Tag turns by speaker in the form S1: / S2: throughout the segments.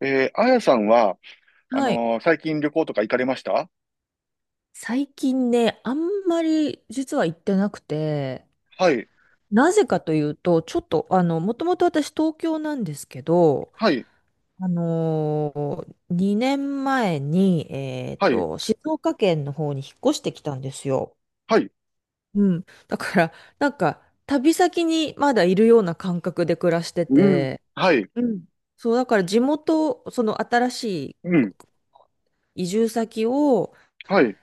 S1: あやさんは、
S2: はい。
S1: 最近旅行とか行かれました
S2: 最近ね、あんまり実は行ってなくて、
S1: はい、
S2: なぜかというと、ちょっと、もともと私東京なんですけど、
S1: はい、
S2: あの2年前に、
S1: はい、
S2: 静岡県の方に引っ越してきたんですよ。
S1: はい、
S2: うん。だから、なんか、旅先にまだいるような感覚で暮らして
S1: うん、
S2: て、
S1: はい、
S2: うん。そう、だから地元、その新しい、
S1: うん、
S2: 移住先を
S1: はい。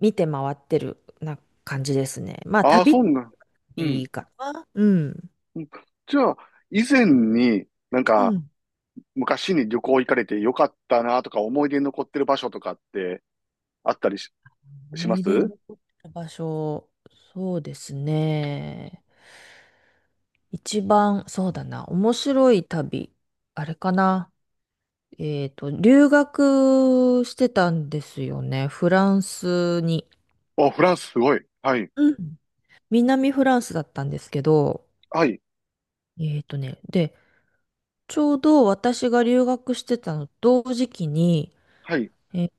S2: 見て回ってるな感じですね。まあ、
S1: ああ、
S2: 旅っ
S1: そんな、
S2: て
S1: う
S2: い
S1: ん。
S2: いかな。うん。
S1: じゃあ、以前になん
S2: う
S1: か、
S2: ん。
S1: 昔に旅行行かれてよかったなとか、思い出に残ってる場所とかってあったりし、し
S2: 思
S1: ま
S2: い出に
S1: す
S2: 残ってる場所、そうですね。一番、そうだな、面白い旅、あれかな。留学してたんですよね。フランスに。
S1: お、フランスすごい。はい、
S2: うん。南フランスだったんですけど、
S1: はい、
S2: で、ちょうど私が留学してたの同時期に、
S1: はい、
S2: えー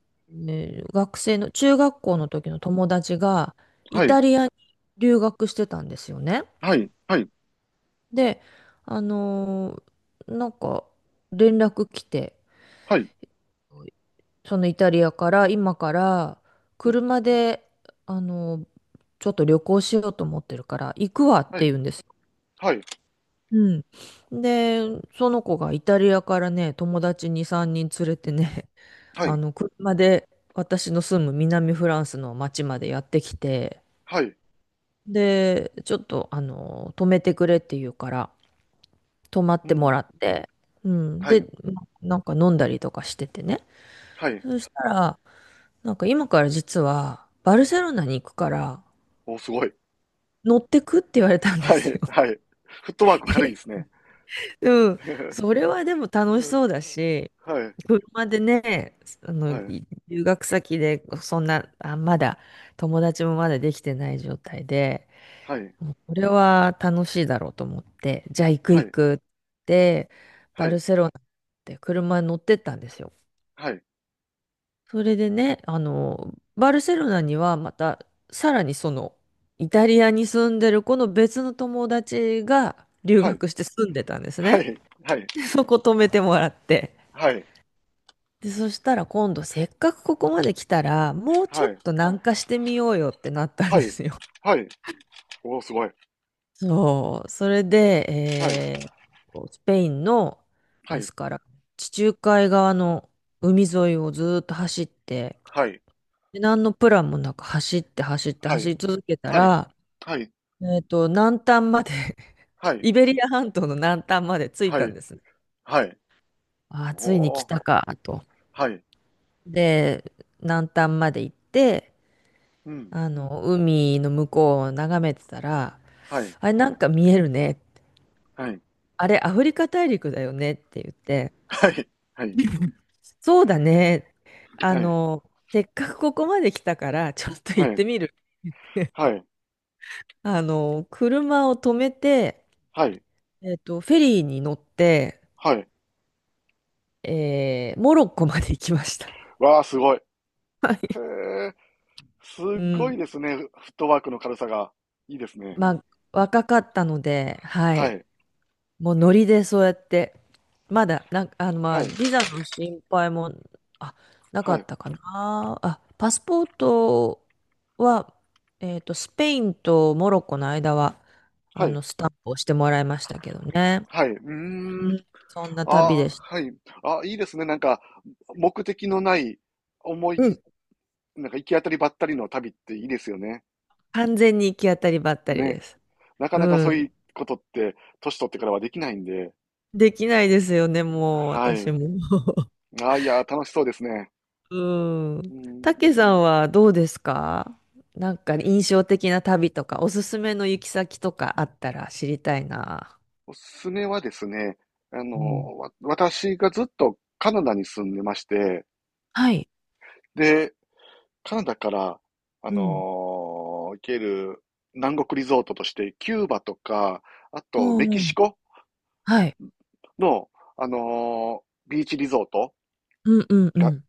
S2: 学生の、中学校の時の友達が、イ
S1: はい、
S2: タリアに留学してたんですよね。
S1: はい、はい、
S2: で、あのなんか、連絡来て、
S1: はい、
S2: そのイタリアから、今から、
S1: うん、
S2: 車で、あのーちょっと旅行しようと思ってるから、行くわっ
S1: は
S2: て
S1: い、
S2: 言うんですよ。
S1: はい、
S2: うん。で、その子がイタリアからね、友達に3人連れてね、
S1: はい、
S2: 車で私の住む南フランスの町までやってきて、
S1: はい、
S2: で、ちょっと、止めてくれって言うから、止まっ
S1: う
S2: ても
S1: ん、
S2: らって、うん。
S1: は
S2: で、
S1: い、
S2: なんか飲んだりとかしててね。
S1: はい。
S2: そしたら、なんか今から実は、バルセロナに行くから、
S1: お、すごい。
S2: 乗ってくって言われたんで
S1: は
S2: す
S1: い、
S2: よ。
S1: はい。フットワーク軽いですね。
S2: うん。それはでも楽しそう だし、
S1: はい、
S2: 車でね、
S1: はい、
S2: 留学先で、そんな、まだ、友達もまだできてない状態で、
S1: はい、
S2: これは楽しいだろうと思って、じゃあ行く
S1: は
S2: 行
S1: い、
S2: くって、
S1: は
S2: バ
S1: い、
S2: ルセロナって車に乗ってったんですよ。
S1: はい、
S2: それでね、バルセロナにはまた、さらにその、イタリアに住んでる子の別の友達が留
S1: はい、
S2: 学して住んでたんです
S1: は
S2: ね。
S1: い、はい、
S2: でそこ泊めてもらって。
S1: はい、はい、
S2: で、そしたら今度せっかくここまで来たら、もうちょっと南下してみようよってなったん
S1: は
S2: で
S1: い、
S2: すよ。
S1: はい。おお、すごい。は
S2: そう。それで、
S1: い、
S2: えースペインの、
S1: は
S2: で
S1: い、
S2: すから、地中海側の海沿いをずーっと走って、
S1: はい、
S2: で何のプランもなく走って走って
S1: は
S2: 走
S1: い、
S2: り続けた
S1: はい、
S2: ら、
S1: はい、
S2: 南端まで
S1: はい、
S2: イベリア半島の南端まで着い
S1: は
S2: た
S1: い、
S2: んですね。
S1: はい。
S2: ああ、
S1: お
S2: ついに来
S1: お、
S2: たか、と。
S1: はい、
S2: で、南端まで行って、
S1: うん、
S2: 海の向こうを眺めてたら、
S1: はい、
S2: あれ、なんか見えるね。
S1: はい、
S2: あれ、アフリカ大陸だよねって言って、
S1: はい、は
S2: そうだね。あ
S1: い、は
S2: の、せっかくここまで来たから、ちょっと行っ
S1: い、
S2: てみる。
S1: はい、はい、
S2: 車を止めて、
S1: はい、
S2: フェリーに乗って、
S1: はい。
S2: モロッコまで行きました。
S1: わあ、すごい。へ
S2: はい。
S1: え、す
S2: う
S1: ごい
S2: ん。
S1: ですね。フットワークの軽さが。いいですね。
S2: まあ、若かったので、は
S1: は
S2: い。
S1: い、
S2: もうノリでそうやって、まだ、なんか、ま
S1: は
S2: あ、
S1: い、
S2: ビザの心配も、あ、なか
S1: はい、
S2: ったかな。パスポートは、スペインとモロッコの間は、
S1: はい、
S2: スタンプをしてもらいましたけどね。
S1: はい、う
S2: う
S1: ーん、
S2: ん、そんな旅
S1: あー、
S2: でした。
S1: はい、あー、いいですね、なんか、目的のない思
S2: うん、
S1: い、なんか行き当たりばったりの旅っていいですよね。
S2: 完全に行き当たりばったり
S1: ね、
S2: です。
S1: なか
S2: う
S1: なかそうい
S2: ん。
S1: うことって、年取ってからはできないんで、
S2: できないですよね、もう、
S1: は
S2: 私
S1: い、
S2: も。
S1: あー、いやー、楽しそうですね。
S2: う
S1: う
S2: ん。た
S1: ん、
S2: けさんはどうですか？なんか印象的な旅とか、おすすめの行き先とかあったら知りたいな。
S1: おすすめはですね、
S2: うん。
S1: 私がずっとカナダに住んでまして、
S2: はい。
S1: で、カナダから、あ
S2: うん。
S1: の行ける南国リゾートとして、キューバとか、あと
S2: お
S1: メ
S2: う
S1: キ
S2: お
S1: シ
S2: う。
S1: コ
S2: はい。
S1: の、あのビーチリゾート
S2: うんうんう
S1: が、
S2: ん。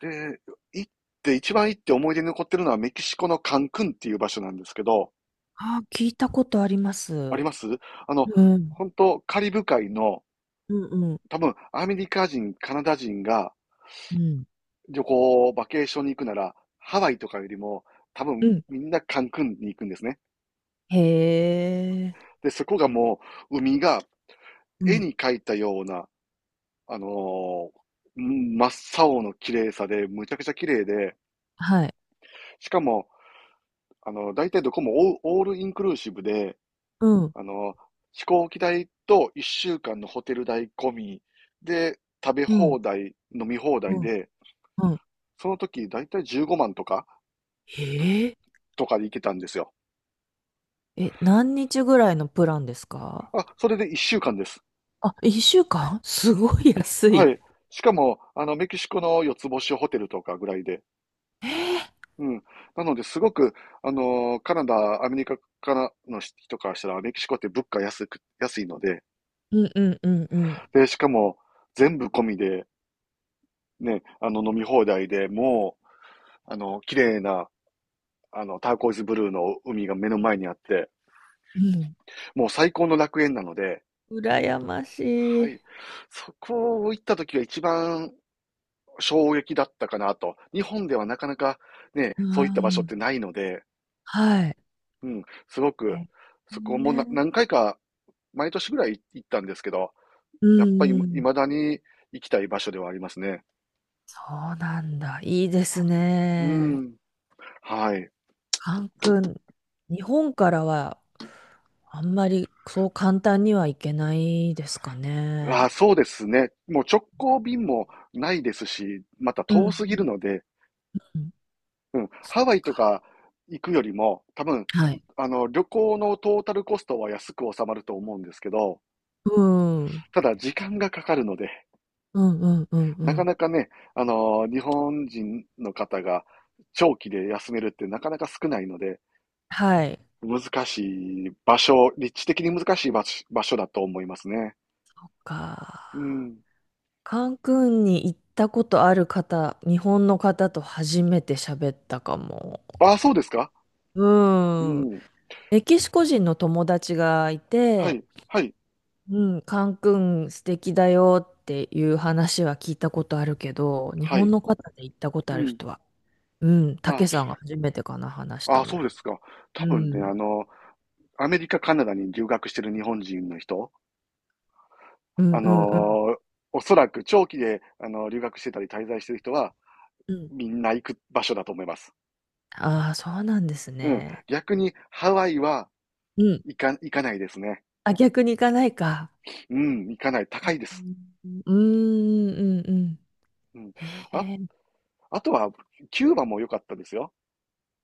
S1: で、行って、一番行って思い出に残ってるのはメキシコのカンクンっていう場所なんですけど、
S2: ああ、聞いたことありま
S1: あり
S2: す。
S1: ます。あの、
S2: うん。
S1: 本当カリブ海の、
S2: うんうん。
S1: 多分アメリカ人、カナダ人が
S2: うん。
S1: 旅行、バケーションに行くなら、ハワイとかよりも、多
S2: う
S1: 分
S2: ん。
S1: みんなカンクンに行くんですね。
S2: へえ。
S1: で、そこがもう海が
S2: う
S1: 絵
S2: ん。
S1: に描いたような、あのー真っ青の綺麗さで、むちゃくちゃ綺麗で、
S2: はい。
S1: しかも、大体どこもオールインクルーシブで、
S2: うん。
S1: あの、飛行機代と1週間のホテル代込みで、食べ
S2: うん。
S1: 放題、飲み放
S2: う
S1: 題
S2: ん。
S1: で、
S2: うん。
S1: その時大体15万
S2: へえ。
S1: とかで行けたんですよ。
S2: え、何日ぐらいのプランですか？
S1: あ、それで1週間です。
S2: あ、一週間すごい安
S1: は
S2: い。
S1: い。しかも、メキシコの四つ星ホテルとかぐらいで、
S2: えー
S1: うん。なので、すごく、カナダ、アメリカからの人からしたら、メキシコって物価安いので、
S2: うんうんうんうん
S1: で、しかも、全部込みで、ね、飲み放題でもう、綺麗な、ターコイズブルーの海が目の前にあって、
S2: うん。
S1: もう最高の楽園なので、
S2: 羨まし
S1: は
S2: い。
S1: い。そこを行った時が一番衝撃だったかなと。日本ではなかなかね、
S2: う
S1: そういった場所っ
S2: ん。
S1: てないので、
S2: はい。
S1: うん、すごく、
S2: え
S1: そこも
S2: ね。
S1: 何回か毎年ぐらい行ったんですけど、
S2: う
S1: やっ
S2: ん
S1: ぱり
S2: うん。
S1: 未だに行きたい場所ではありますね。
S2: そうなんだ。いいです
S1: う
S2: ね。
S1: ん。はい。
S2: カン君、日本からはあんまりそう簡単には行けないですか
S1: あ
S2: ね。
S1: あ、そうですね。もう直行便もないですし、また
S2: うんう
S1: 遠すぎる
S2: ん
S1: ので、
S2: うん。
S1: うん、
S2: そ
S1: ハワイとか行くよりも、多分、
S2: はい。
S1: 旅行のトータルコストは安く収まると思うんですけど、
S2: うん。うん
S1: ただ時間がかかるので、
S2: うんうんう
S1: なか
S2: ん。
S1: なかね、日本人の方が長期で休めるってなかなか少ないので、
S2: はい。
S1: 難しい場所、立地的に難しい場所だと思いますね。
S2: そっか。
S1: うん。
S2: カンクンに行ったことある方、日本の方と初めて喋ったかも。
S1: ああ、そうですか？う
S2: うん。
S1: ん。
S2: メキシコ人の友達がい
S1: は
S2: て、
S1: い、はい、
S2: うん、カンクン素敵だよっていう話は聞いたことあるけど、日
S1: は
S2: 本
S1: い。
S2: の方で行ったことあ
S1: う
S2: る
S1: ん。
S2: 人は、うん、た
S1: あ、
S2: けさんが初めてかな、話し
S1: あ
S2: た
S1: あ
S2: の。
S1: そうですか。多
S2: う
S1: 分ね、
S2: ん。
S1: アメリカ、カナダに留学してる日本人の人、
S2: う
S1: あ
S2: んうんうん。
S1: のおそらく長期で、留学してたり滞在してる人は、
S2: うん。
S1: みんな行く場所だと思います。
S2: ああ、そうなんです
S1: うん。
S2: ね。
S1: 逆に、ハワイは
S2: うん。
S1: 行かないですね。
S2: あ、逆に行かないか。
S1: うん、行かない。高いです。
S2: うーんうんうん。
S1: うん。
S2: へ
S1: あ、
S2: え。
S1: あとは、キューバも良かったですよ。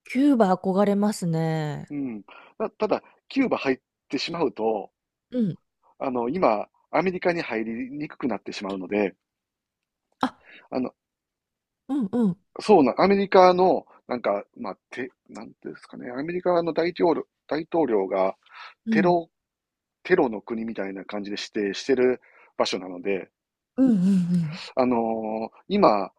S2: キューバ憧れますね。
S1: うん。ただ、キューバ入ってしまうと、
S2: うん。
S1: 今、アメリカに入りにくくなってしまうので、
S2: あ、
S1: あの、
S2: うんうん。
S1: そうな、アメリカの、なんか、まあ、なんていうんですかね、アメリカの大統領が
S2: う
S1: テ
S2: ん。
S1: ロ、テロの国みたいな感じで指定してる場所なので、
S2: うんうんうん。
S1: 今、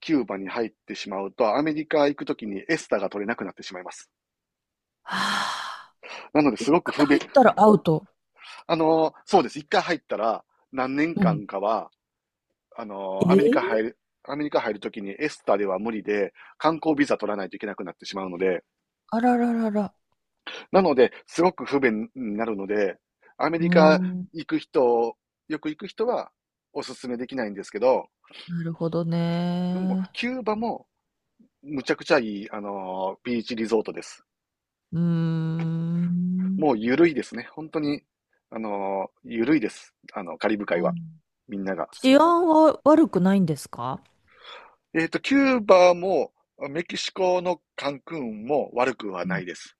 S1: キューバに入ってしまうと、アメリカ行くときにエスタが取れなくなってしまいます。
S2: はあ。
S1: なので、す
S2: 一
S1: ごく
S2: 回
S1: 不便。
S2: 入ったらアウト。
S1: そうです。一回入ったら、何年
S2: うん。
S1: 間かは、あ
S2: え
S1: の、アメリカ入
S2: ー
S1: る、アメリカ入るときにエスタでは無理で、観光ビザ取らないといけなくなってしまうので、
S2: あらららら。
S1: なので、すごく不便になるので、アメ
S2: うー
S1: リカ
S2: ん。
S1: 行く人、よく行く人はおすすめできないんですけど、
S2: なるほど
S1: でも、
S2: ね。
S1: キューバもむちゃくちゃいい、ビーチリゾートです。
S2: うーん。
S1: もうゆるいですね。本当に、ゆるいです。カリブ
S2: う
S1: 海は、
S2: ん。
S1: みんなが。
S2: 治安は悪くないんですか？
S1: キューバも、メキシコのカンクンも悪くはないです。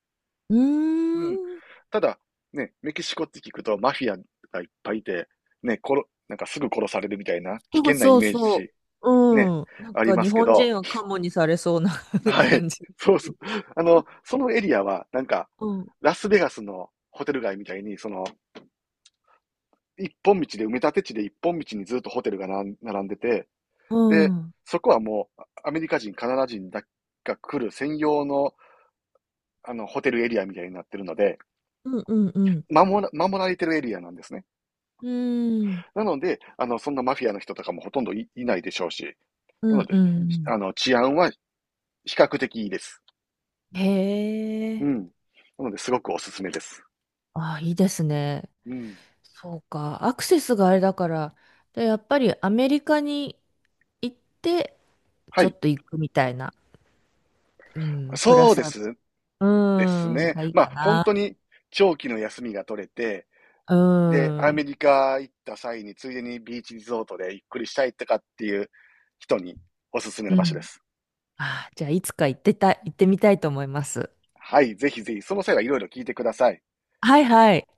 S2: うん。うー
S1: うん。
S2: ん。
S1: ただ、ね、メキシコって聞くとマフィアがいっぱいいて、ね、なんかすぐ殺されるみたいな危
S2: そう
S1: 険なイ
S2: そう
S1: メー
S2: そ
S1: ジ、
S2: う。
S1: ね、
S2: うん。なん
S1: あり
S2: か
S1: ま
S2: 日
S1: すけ
S2: 本
S1: ど、
S2: 人はカモにされそうな
S1: はい。
S2: 感じ。
S1: そうそう。そのエリアは、なんか、
S2: うん。
S1: ラスベガスのホテル街みたいに、その、一本道で、埋め立て地で一本道にずっとホテルが並んでて、
S2: う
S1: で、
S2: ん。
S1: そこはもう、アメリカ人、カナダ人だが来る専用の、ホテルエリアみたいになってるので、
S2: うんうんうん。
S1: 守られてるエリアなんですね。
S2: うーん。
S1: なので、そんなマフィアの人とかもほとんどいないでしょうし、な
S2: う
S1: の
S2: んう
S1: で、
S2: んうん。
S1: 治安は比較的いいです。
S2: へ
S1: うん。
S2: え。
S1: なので、すごくおすすめです。
S2: あ、いいですね。
S1: うん。
S2: そうか。アクセスがあれだから、で、やっぱりアメリカに行って、
S1: は
S2: ちょ
S1: い。
S2: っと行くみたいな。うん。プラ
S1: そう
S2: ス
S1: で
S2: アル
S1: す。
S2: ファ、
S1: です
S2: うん。
S1: ね。
S2: がいい
S1: ま
S2: か
S1: あ、本
S2: な。
S1: 当に長期の休みが取れて、
S2: う
S1: で、アメ
S2: ん。
S1: リカ行った際に、ついでにビーチリゾートでゆっくりしたいとかっていう人におすすめ
S2: う
S1: の場所で
S2: ん。
S1: す。
S2: ああ、じゃあ、いつか行ってた、行ってみたいと思います。
S1: はい。ぜひぜひ、その際はいろいろ聞いてください。
S2: はいはい。